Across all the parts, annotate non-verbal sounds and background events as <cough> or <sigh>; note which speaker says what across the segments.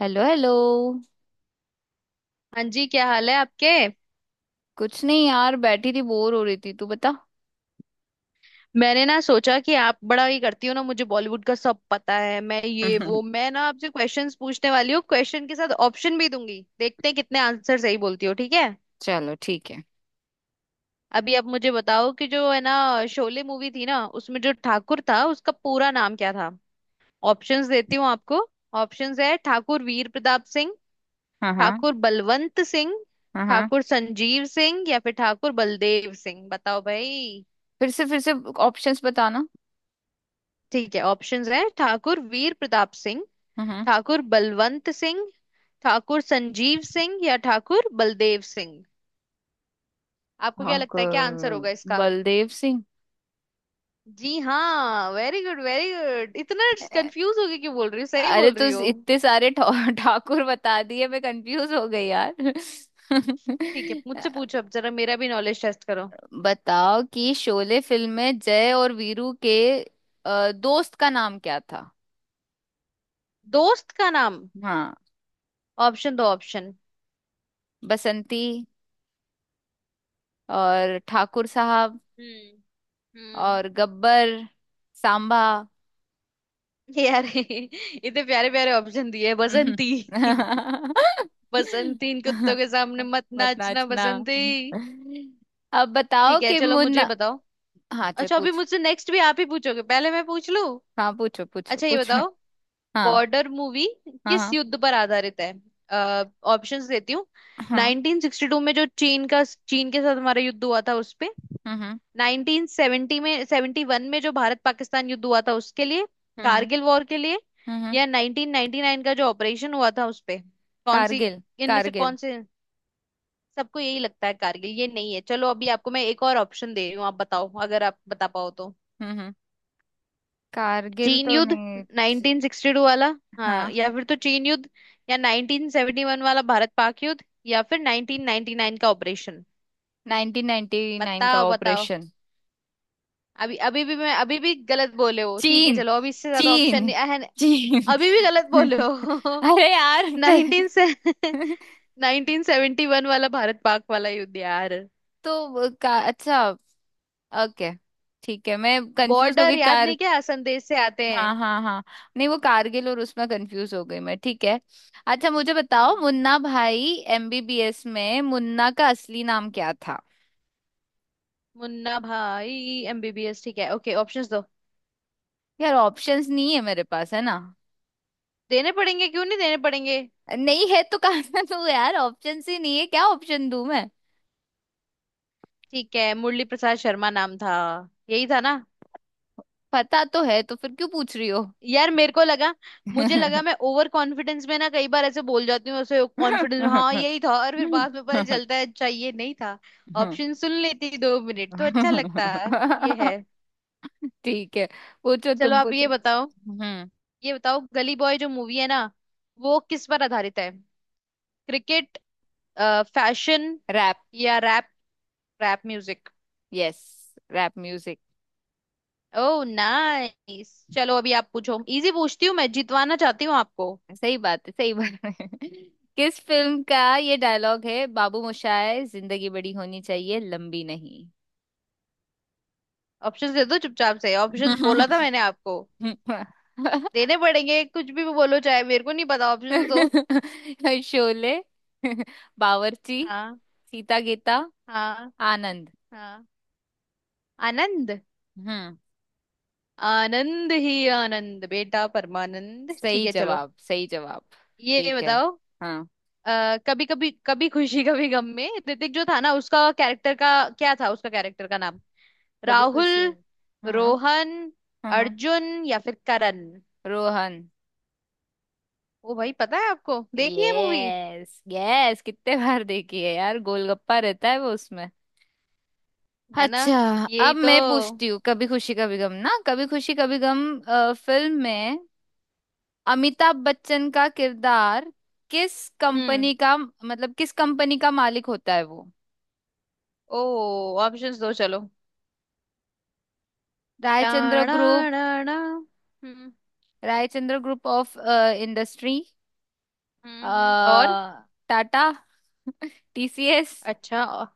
Speaker 1: Hello hello.
Speaker 2: हाँ जी, क्या हाल है आपके?
Speaker 1: कुछ नहीं यार, बैठी थी बोर हो रही थी, तू बता।
Speaker 2: मैंने ना सोचा कि आप बड़ा ये करती हो ना, मुझे बॉलीवुड का सब पता है। मैं ये वो
Speaker 1: <laughs>
Speaker 2: मैं ना आपसे क्वेश्चंस पूछने वाली हूँ, क्वेश्चन के साथ ऑप्शन भी दूंगी, देखते हैं कितने आंसर सही बोलती हो, ठीक है।
Speaker 1: चलो ठीक है।
Speaker 2: अभी आप मुझे बताओ कि जो है ना, शोले मूवी थी ना, उसमें जो ठाकुर था उसका पूरा नाम क्या था। ऑप्शंस देती हूँ आपको। ऑप्शंस है— ठाकुर वीर प्रताप सिंह,
Speaker 1: हाँ हाँ।
Speaker 2: ठाकुर बलवंत सिंह,
Speaker 1: हाँ हाँ।
Speaker 2: ठाकुर संजीव सिंह या फिर ठाकुर बलदेव सिंह। बताओ भाई।
Speaker 1: फिर से फिर से। ऑप्शंस बताना।
Speaker 2: ठीक है, ऑप्शंस हैं— ठाकुर वीर प्रताप सिंह,
Speaker 1: हाँ।
Speaker 2: ठाकुर बलवंत सिंह, ठाकुर संजीव सिंह या ठाकुर बलदेव सिंह। आपको क्या लगता है क्या आंसर
Speaker 1: ठाकुर
Speaker 2: होगा इसका?
Speaker 1: बलदेव सिंह।
Speaker 2: जी हाँ, वेरी गुड वेरी गुड। इतना
Speaker 1: अ-
Speaker 2: कंफ्यूज होके क्यों बोल रही हो, सही
Speaker 1: अरे
Speaker 2: बोल
Speaker 1: तो
Speaker 2: रही हो।
Speaker 1: इतने सारे <laughs> ठाकुर बता दिए, मैं कंफ्यूज हो गई यार। <laughs>
Speaker 2: ठीक है, मुझसे पूछो अब, जरा मेरा भी नॉलेज टेस्ट करो।
Speaker 1: बताओ कि शोले फिल्म में जय और वीरू के दोस्त का नाम क्या था।
Speaker 2: दोस्त का नाम।
Speaker 1: हाँ।
Speaker 2: ऑप्शन दो, ऑप्शन।
Speaker 1: बसंती और ठाकुर साहब
Speaker 2: हम्म। हम्म।
Speaker 1: और गब्बर सांबा।
Speaker 2: यार <laughs> इतने प्यारे प्यारे ऑप्शन दिए,
Speaker 1: <laughs>
Speaker 2: बसंती। <laughs> बसंती, इन कुत्तों के सामने मत
Speaker 1: मत
Speaker 2: नाचना
Speaker 1: नाचना।
Speaker 2: बसंती।
Speaker 1: अब बताओ
Speaker 2: ठीक है,
Speaker 1: कि
Speaker 2: चलो मुझे ये
Speaker 1: मुन्ना।
Speaker 2: बताओ।
Speaker 1: हाँ चल
Speaker 2: अच्छा, अभी
Speaker 1: पूछ।
Speaker 2: मुझसे नेक्स्ट भी आप ही पूछोगे, पहले मैं पूछ लूं।
Speaker 1: हाँ पूछो पूछो
Speaker 2: अच्छा, ये
Speaker 1: पूछो।
Speaker 2: बताओ,
Speaker 1: हाँ
Speaker 2: बॉर्डर मूवी
Speaker 1: हाँ।
Speaker 2: किस
Speaker 1: हाँ
Speaker 2: युद्ध पर आधारित है। ऑप्शंस देती हूँ।
Speaker 1: हाँ,
Speaker 2: 1962 में जो चीन के साथ हमारा युद्ध हुआ था उस पे।
Speaker 1: हम्म।
Speaker 2: 1970 में 71 में जो भारत पाकिस्तान युद्ध हुआ था उसके लिए।
Speaker 1: हम्म हम्म,
Speaker 2: कारगिल वॉर के लिए।
Speaker 1: हम्म।
Speaker 2: या 1999 का जो ऑपरेशन हुआ था उस पे। कौन सी?
Speaker 1: कारगिल।
Speaker 2: इनमें से कौन
Speaker 1: कारगिल।
Speaker 2: से? सबको यही लगता है कारगिल, ये नहीं है। चलो, अभी आपको मैं एक और ऑप्शन दे रही हूँ, आप बताओ अगर आप बता पाओ तो।
Speaker 1: हम्म हम्म। कारगिल
Speaker 2: चीन
Speaker 1: तो
Speaker 2: युद्ध,
Speaker 1: नहीं।
Speaker 2: 1962 वाला, हाँ,
Speaker 1: हाँ।
Speaker 2: या फिर तो चीन युद्ध या 1971 वाला भारत पाक युद्ध या फिर 1999 का ऑपरेशन।
Speaker 1: 1999 का
Speaker 2: बताओ बताओ।
Speaker 1: ऑपरेशन।
Speaker 2: अभी अभी भी मैं अभी भी गलत बोले हो। ठीक है
Speaker 1: चीन
Speaker 2: चलो, अभी इससे ज्यादा ऑप्शन
Speaker 1: चीन
Speaker 2: नहीं। अहन।
Speaker 1: चीन।
Speaker 2: अभी भी गलत बोले
Speaker 1: <laughs>
Speaker 2: हो।
Speaker 1: अरे यार
Speaker 2: <laughs> नाइनटीन से <laughs>
Speaker 1: <laughs>
Speaker 2: नाइनटीन सेवेंटी वन वाला भारत पाक वाला युद्ध, यार।
Speaker 1: तो अच्छा। ओके। ठीक है मैं कंफ्यूज हो
Speaker 2: बॉर्डर
Speaker 1: गई
Speaker 2: याद
Speaker 1: कार
Speaker 2: नहीं क्या, संदेश से आते
Speaker 1: हाँ
Speaker 2: हैं।
Speaker 1: हाँ हाँ। नहीं वो कारगिल और उसमें कंफ्यूज हो गई मैं, ठीक है। अच्छा मुझे बताओ,
Speaker 2: हम्म।
Speaker 1: मुन्ना भाई एमबीबीएस में मुन्ना का असली नाम क्या था।
Speaker 2: मुन्ना भाई एमबीबीएस, ठीक है, ओके, ऑप्शंस दो।
Speaker 1: यार ऑप्शंस नहीं है मेरे पास, है ना।
Speaker 2: देने पड़ेंगे, क्यों नहीं देने पड़ेंगे।
Speaker 1: नहीं है तो कहाँ से दूँ यार? ऑप्शंस ही नहीं है, क्या ऑप्शन दूँ मैं।
Speaker 2: ठीक है, मुरली प्रसाद शर्मा नाम था, यही था ना।
Speaker 1: पता तो है तो फिर क्यों पूछ रही हो।
Speaker 2: यार मेरे को लगा मुझे लगा मैं ओवर कॉन्फिडेंस में ना कई बार ऐसे बोल जाती हूँ, ऐसे कॉन्फिडेंस, हाँ यही था, और फिर बाद में पता
Speaker 1: <laughs>
Speaker 2: चलता है अच्छा ये नहीं था। ऑप्शन सुन लेती दो मिनट तो अच्छा लगता है ये है।
Speaker 1: ठीक है पूछो
Speaker 2: चलो,
Speaker 1: तुम,
Speaker 2: आप
Speaker 1: पूछो।
Speaker 2: ये बताओ,
Speaker 1: हम्म।
Speaker 2: गली बॉय जो मूवी है ना, वो किस पर आधारित है— क्रिकेट, फैशन
Speaker 1: रैप।
Speaker 2: या rap, rap music.
Speaker 1: Yes. Rap music.
Speaker 2: ओ नाइस, चलो अभी आप पूछो, इजी पूछती हूँ, मैं जितवाना चाहती हूँ आपको।
Speaker 1: सही बात है, सही बात है। <laughs> किस फिल्म का ये डायलॉग है, बाबू मोशाय जिंदगी बड़ी होनी चाहिए लंबी नहीं।
Speaker 2: ऑप्शन दे दो चुपचाप से, ऑप्शन बोला था मैंने आपको,
Speaker 1: <laughs>
Speaker 2: देने पड़ेंगे, कुछ भी बोलो चाहे, मेरे को नहीं पता, ऑप्शन दो।
Speaker 1: शोले। <laughs> बावर्ची।
Speaker 2: हाँ।
Speaker 1: सीता गीता।
Speaker 2: हाँ।
Speaker 1: आनंद।
Speaker 2: हाँ। आनंद।
Speaker 1: हम्म।
Speaker 2: आनंद ही आनंद बेटा, परमानंद, ठीक
Speaker 1: सही
Speaker 2: है चलो।
Speaker 1: जवाब, सही जवाब।
Speaker 2: ये
Speaker 1: ठीक है।
Speaker 2: बताओ,
Speaker 1: हाँ।
Speaker 2: कभी कभी कभी खुशी कभी गम में ऋतिक जो था ना उसका कैरेक्टर का क्या था, उसका कैरेक्टर का नाम—
Speaker 1: कभी
Speaker 2: राहुल,
Speaker 1: खुश हो। हाँ
Speaker 2: रोहन,
Speaker 1: हाँ हाँ।
Speaker 2: अर्जुन या फिर करण।
Speaker 1: रोहन।
Speaker 2: ओ भाई, पता है आपको, देखिए मूवी,
Speaker 1: यस यस कितने बार देखी है यार, गोलगप्पा रहता है वो उसमें।
Speaker 2: है ना,
Speaker 1: अच्छा।
Speaker 2: यही
Speaker 1: अब
Speaker 2: तो।
Speaker 1: मैं पूछती हूँ, कभी खुशी कभी गम ना, कभी खुशी कभी गम फिल्म में अमिताभ बच्चन का किरदार किस
Speaker 2: हम्म।
Speaker 1: कंपनी का, मतलब किस कंपनी का मालिक होता है वो।
Speaker 2: ओ। ऑप्शंस दो चलो।
Speaker 1: रायचंद्र
Speaker 2: टाणा।
Speaker 1: ग्रुप।
Speaker 2: हम्म।
Speaker 1: Raichandra group of industry.
Speaker 2: हम्म। और
Speaker 1: टाटा। टीसीएस।
Speaker 2: अच्छा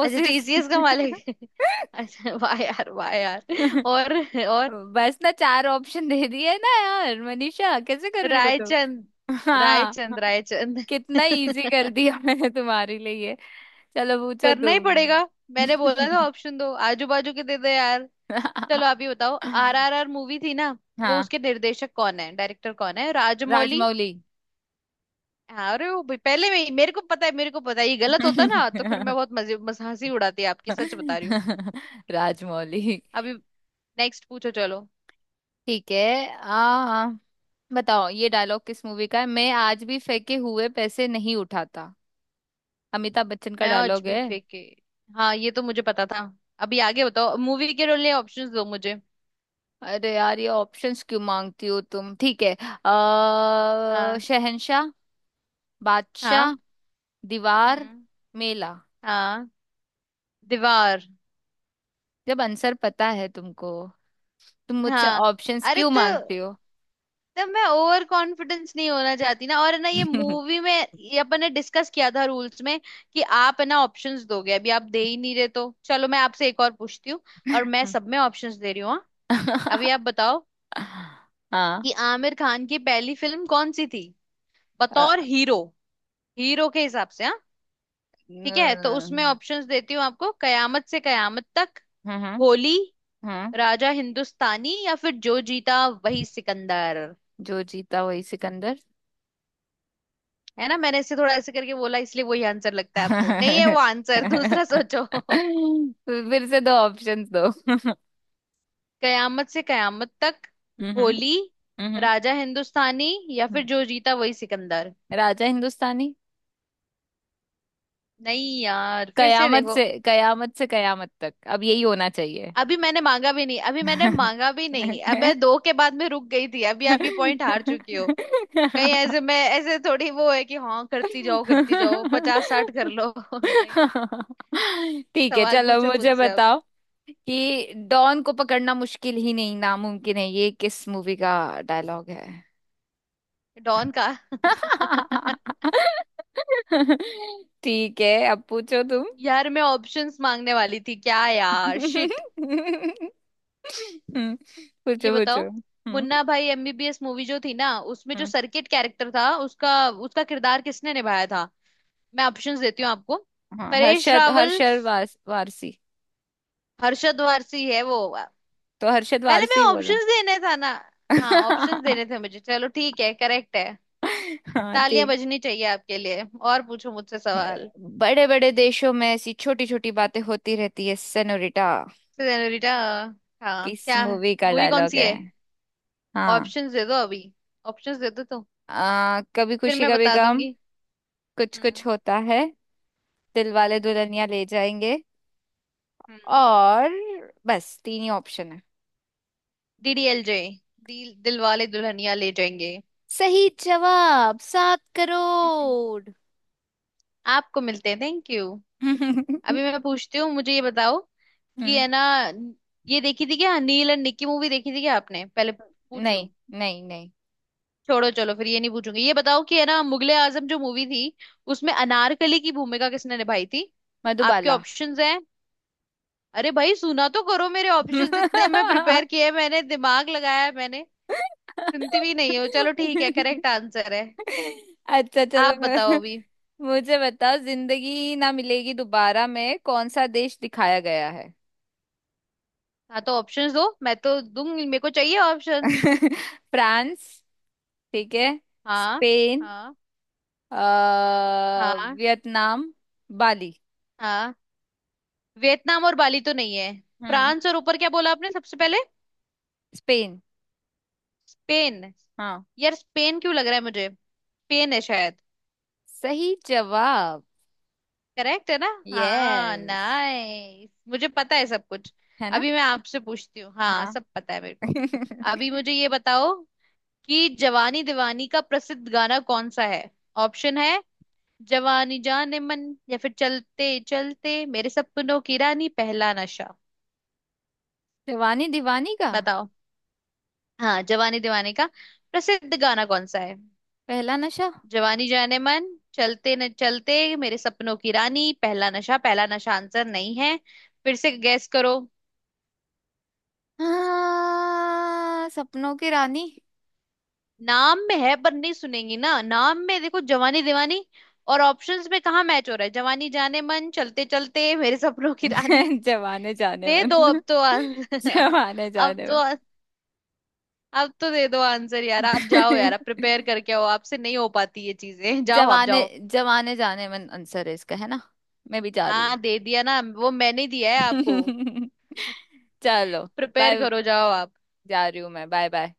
Speaker 2: अच्छा, टीसीएस का मालिक <laughs> अच्छा वाह यार, वाह यार। और। और।
Speaker 1: बस ना चार ऑप्शन दे दिए ना यार, मनीषा कैसे कर रही हो तुम।
Speaker 2: रायचंद।
Speaker 1: हाँ।
Speaker 2: रायचंद रायचंद।
Speaker 1: कितना इजी कर
Speaker 2: <laughs>
Speaker 1: दिया <laughs> मैंने तुम्हारे लिए ये। चलो पूछो
Speaker 2: करना ही पड़ेगा।
Speaker 1: तुम।
Speaker 2: मैंने बोला था
Speaker 1: <laughs>
Speaker 2: ऑप्शन दो, आजू बाजू के दे दे यार। चलो आप ही बताओ, आरआरआर मूवी थी ना, वो
Speaker 1: हाँ
Speaker 2: उसके निर्देशक कौन है, डायरेक्टर कौन है— राजमौली।
Speaker 1: राजमौली।
Speaker 2: हाँ, अरे वो भाई, मेरे को पता है, मेरे को पता है, ये गलत होता ना तो फिर मैं बहुत मजे मस हंसी उड़ाती आपकी, सच बता रही हूँ।
Speaker 1: <laughs> राजमौली।
Speaker 2: अभी, नेक्स्ट पूछो चलो।
Speaker 1: ठीक है। आ बताओ ये डायलॉग किस मूवी का है, मैं आज भी फेंके हुए पैसे नहीं उठाता, अमिताभ बच्चन का
Speaker 2: मैं आज
Speaker 1: डायलॉग
Speaker 2: भी
Speaker 1: है।
Speaker 2: फेंके, हाँ ये तो मुझे पता था। अभी आगे बताओ, मूवी के लिए ऑप्शंस दो मुझे।
Speaker 1: अरे यार ये ऑप्शंस क्यों मांगती हो तुम, ठीक है। आ
Speaker 2: हाँ।
Speaker 1: शहंशाह। बादशाह।
Speaker 2: हाँ।
Speaker 1: दीवार।
Speaker 2: हम्म।
Speaker 1: मेला।
Speaker 2: हाँ। दीवार।
Speaker 1: जब आंसर पता है तुमको, तुम मुझसे
Speaker 2: हाँ,
Speaker 1: ऑप्शंस
Speaker 2: अरे
Speaker 1: क्यों मांगती
Speaker 2: तो
Speaker 1: हो।
Speaker 2: तो मैं ओवर कॉन्फिडेंस नहीं होना चाहती ना, और है ना ये मूवी में। ये अपन ने डिस्कस किया था रूल्स में कि आप है ना ऑप्शंस दोगे, अभी आप दे ही नहीं रहे तो चलो, मैं आपसे एक और पूछती हूँ। और मैं सब
Speaker 1: <laughs>
Speaker 2: में ऑप्शंस दे रही हूँ, हाँ? अभी आप बताओ
Speaker 1: हाँ।
Speaker 2: कि आमिर खान की पहली फिल्म कौन सी थी,
Speaker 1: अ,
Speaker 2: बतौर हीरो, हीरो के हिसाब से, हाँ। ठीक है, तो उसमें
Speaker 1: न-
Speaker 2: ऑप्शंस देती हूँ आपको— कयामत से कयामत तक,
Speaker 1: हम्म
Speaker 2: होली,
Speaker 1: हम्म।
Speaker 2: राजा हिंदुस्तानी या फिर जो जीता वही सिकंदर।
Speaker 1: जो जीता वही सिकंदर। <laughs>
Speaker 2: है ना, मैंने इससे थोड़ा ऐसे करके बोला इसलिए वही आंसर लगता है आपको, नहीं है वो आंसर, दूसरा
Speaker 1: तो
Speaker 2: सोचो। <laughs>
Speaker 1: फिर से दो ऑप्शंस दो। <laughs>
Speaker 2: कयामत से कयामत तक,
Speaker 1: हम्म हम्म
Speaker 2: होली,
Speaker 1: हम्म,
Speaker 2: राजा हिंदुस्तानी या फिर
Speaker 1: हम्म।
Speaker 2: जो जीता वही सिकंदर।
Speaker 1: राजा हिंदुस्तानी।
Speaker 2: नहीं यार, फिर से
Speaker 1: कयामत
Speaker 2: देखो।
Speaker 1: से कयामत तक, अब यही होना चाहिए।
Speaker 2: अभी मैंने मांगा भी नहीं, अभी मैंने मांगा भी नहीं, अब मैं दो के बाद में रुक गई थी, अभी आप ये पॉइंट हार चुकी हो। कहीं ऐसे
Speaker 1: <laughs>
Speaker 2: मैं ऐसे थोड़ी वो है कि हाँ करती जाओ पचास साठ कर
Speaker 1: <laughs>
Speaker 2: लो। <laughs> नहीं।
Speaker 1: ठीक है
Speaker 2: सवाल
Speaker 1: चलो
Speaker 2: पूछो
Speaker 1: मुझे
Speaker 2: मुझसे अब।
Speaker 1: बताओ कि डॉन को पकड़ना मुश्किल ही नहीं नामुमकिन है, ये किस मूवी का डायलॉग है।
Speaker 2: डॉन का। <laughs>
Speaker 1: <laughs> ठीक है अब पूछो तुम। <laughs>
Speaker 2: यार मैं ऑप्शंस मांगने वाली थी, क्या यार शिट।
Speaker 1: हम्म,
Speaker 2: ये
Speaker 1: पूछो
Speaker 2: बताओ
Speaker 1: पूछो, हम्म।
Speaker 2: मुन्ना भाई एमबीबीएस मूवी जो थी ना, उसमें जो
Speaker 1: हम्म,
Speaker 2: सर्किट कैरेक्टर था, उसका उसका किरदार किसने निभाया था। मैं ऑप्शंस देती हूँ आपको—
Speaker 1: हाँ
Speaker 2: परेश
Speaker 1: हर्षद
Speaker 2: रावल,
Speaker 1: हर्षद वारसी।
Speaker 2: हर्षद वारसी है वो।
Speaker 1: तो हर्षद
Speaker 2: पहले मैं
Speaker 1: वारसी बोला।
Speaker 2: ऑप्शंस देने था ना, हाँ ऑप्शंस
Speaker 1: <laughs>
Speaker 2: देने थे मुझे, चलो ठीक है, करेक्ट है।
Speaker 1: हाँ
Speaker 2: तालियां
Speaker 1: ठीक।
Speaker 2: बजनी चाहिए आपके लिए, और पूछो मुझसे सवाल।
Speaker 1: बड़े बड़े देशों में ऐसी छोटी छोटी बातें होती रहती है सेनोरिटा,
Speaker 2: रिटा, हाँ
Speaker 1: किस
Speaker 2: क्या,
Speaker 1: मूवी का
Speaker 2: मूवी कौन
Speaker 1: डायलॉग
Speaker 2: सी
Speaker 1: है।
Speaker 2: है,
Speaker 1: हाँ।
Speaker 2: ऑप्शंस दे दो अभी, ऑप्शंस दे दो तो
Speaker 1: कभी
Speaker 2: फिर
Speaker 1: खुशी
Speaker 2: मैं
Speaker 1: कभी
Speaker 2: बता
Speaker 1: गम।
Speaker 2: दूंगी।
Speaker 1: कुछ कुछ
Speaker 2: हम्म।
Speaker 1: होता है। दिल वाले
Speaker 2: हम्म।
Speaker 1: दुल्हनिया ले जाएंगे।
Speaker 2: हम्म।
Speaker 1: और बस तीन ही ऑप्शन है।
Speaker 2: डीडीएलजे, दिलवाले दुल्हनिया ले जाएंगे।
Speaker 1: सही जवाब 7 करोड़।
Speaker 2: आपको मिलते हैं, थैंक यू।
Speaker 1: <laughs> हम्म।
Speaker 2: अभी मैं पूछती हूँ, मुझे ये बताओ कि है ना, ये देखी थी क्या नील एंड निक्की मूवी, देखी थी क्या आपने, पहले पूछ लूं।
Speaker 1: नहीं नहीं नहीं।
Speaker 2: छोड़ो चलो, फिर ये नहीं पूछूंगी। ये बताओ कि है ना, मुगले आजम जो मूवी थी, उसमें अनारकली की भूमिका किसने निभाई थी। आपके
Speaker 1: मधुबाला।
Speaker 2: ऑप्शंस हैं— अरे भाई, सुना तो करो मेरे ऑप्शंस, इतने मैं
Speaker 1: <laughs>
Speaker 2: प्रिपेयर किए, मैंने दिमाग लगाया है, मैंने सुनती भी नहीं हो, चलो ठीक है, करेक्ट आंसर है।
Speaker 1: अच्छा चलो
Speaker 2: आप बताओ अभी।
Speaker 1: मुझे बताओ जिंदगी ना मिलेगी दोबारा में कौन सा देश दिखाया गया है।
Speaker 2: हाँ तो ऑप्शंस दो, मैं तो दूंगी, मेरे को चाहिए ऑप्शंस।
Speaker 1: <laughs> फ्रांस। ठीक है।
Speaker 2: हाँ।
Speaker 1: स्पेन।
Speaker 2: हाँ।
Speaker 1: अ,
Speaker 2: हाँ।
Speaker 1: वियतनाम। बाली।
Speaker 2: हाँ। वियतनाम और बाली तो नहीं है।
Speaker 1: हम्म।
Speaker 2: फ्रांस, और ऊपर क्या बोला आपने सबसे पहले?
Speaker 1: स्पेन।
Speaker 2: स्पेन।
Speaker 1: हाँ।
Speaker 2: यार, स्पेन क्यों लग रहा है मुझे, स्पेन है शायद।
Speaker 1: सही जवाब।
Speaker 2: करेक्ट है ना? हाँ
Speaker 1: यस।
Speaker 2: नाइस, मुझे पता है सब कुछ।
Speaker 1: है ना।
Speaker 2: अभी मैं आपसे पूछती हूँ, हाँ
Speaker 1: हाँ।
Speaker 2: सब पता है मेरे को।
Speaker 1: <laughs>
Speaker 2: अभी मुझे ये बताओ कि जवानी दीवानी का प्रसिद्ध गाना कौन सा है। ऑप्शन है— जवानी जान मन, या फिर चलते चलते, मेरे सपनों की रानी, पहला नशा।
Speaker 1: जवानी दीवानी का
Speaker 2: बताओ। हाँ, जवानी दीवानी का प्रसिद्ध गाना कौन सा है—
Speaker 1: पहला नशा।
Speaker 2: जवानी जाने मन, चलते न चलते, मेरे सपनों की रानी, पहला नशा। पहला नशा आंसर नहीं है, फिर से गैस करो।
Speaker 1: हाँ सपनों की रानी।
Speaker 2: नाम में है पर नहीं सुनेंगी ना, नाम में देखो जवानी दीवानी, और ऑप्शंस में कहाँ मैच हो रहा है— जवानी जाने मन, चलते चलते, मेरे सपनों की रानी।
Speaker 1: <laughs> जवाने जाने
Speaker 2: दे दो
Speaker 1: मन।
Speaker 2: अब तो
Speaker 1: <laughs> जवाने
Speaker 2: <laughs> अब
Speaker 1: जाने
Speaker 2: तो, अब तो दे दो आंसर यार। आप जाओ
Speaker 1: मन।
Speaker 2: यार,
Speaker 1: <laughs>
Speaker 2: आप प्रिपेयर करके आओ, आपसे नहीं हो पाती ये चीजें। <laughs> जाओ आप
Speaker 1: जवाने
Speaker 2: जाओ।
Speaker 1: जवाने जाने मन आंसर है इसका, है ना। मैं भी जा रही
Speaker 2: हाँ दे दिया ना वो, मैंने दिया है आपको,
Speaker 1: हूँ। <laughs> चलो
Speaker 2: प्रिपेयर
Speaker 1: बाय।
Speaker 2: करो जाओ आप,
Speaker 1: जा रही हूँ मैं, बाय बाय।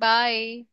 Speaker 2: बाय।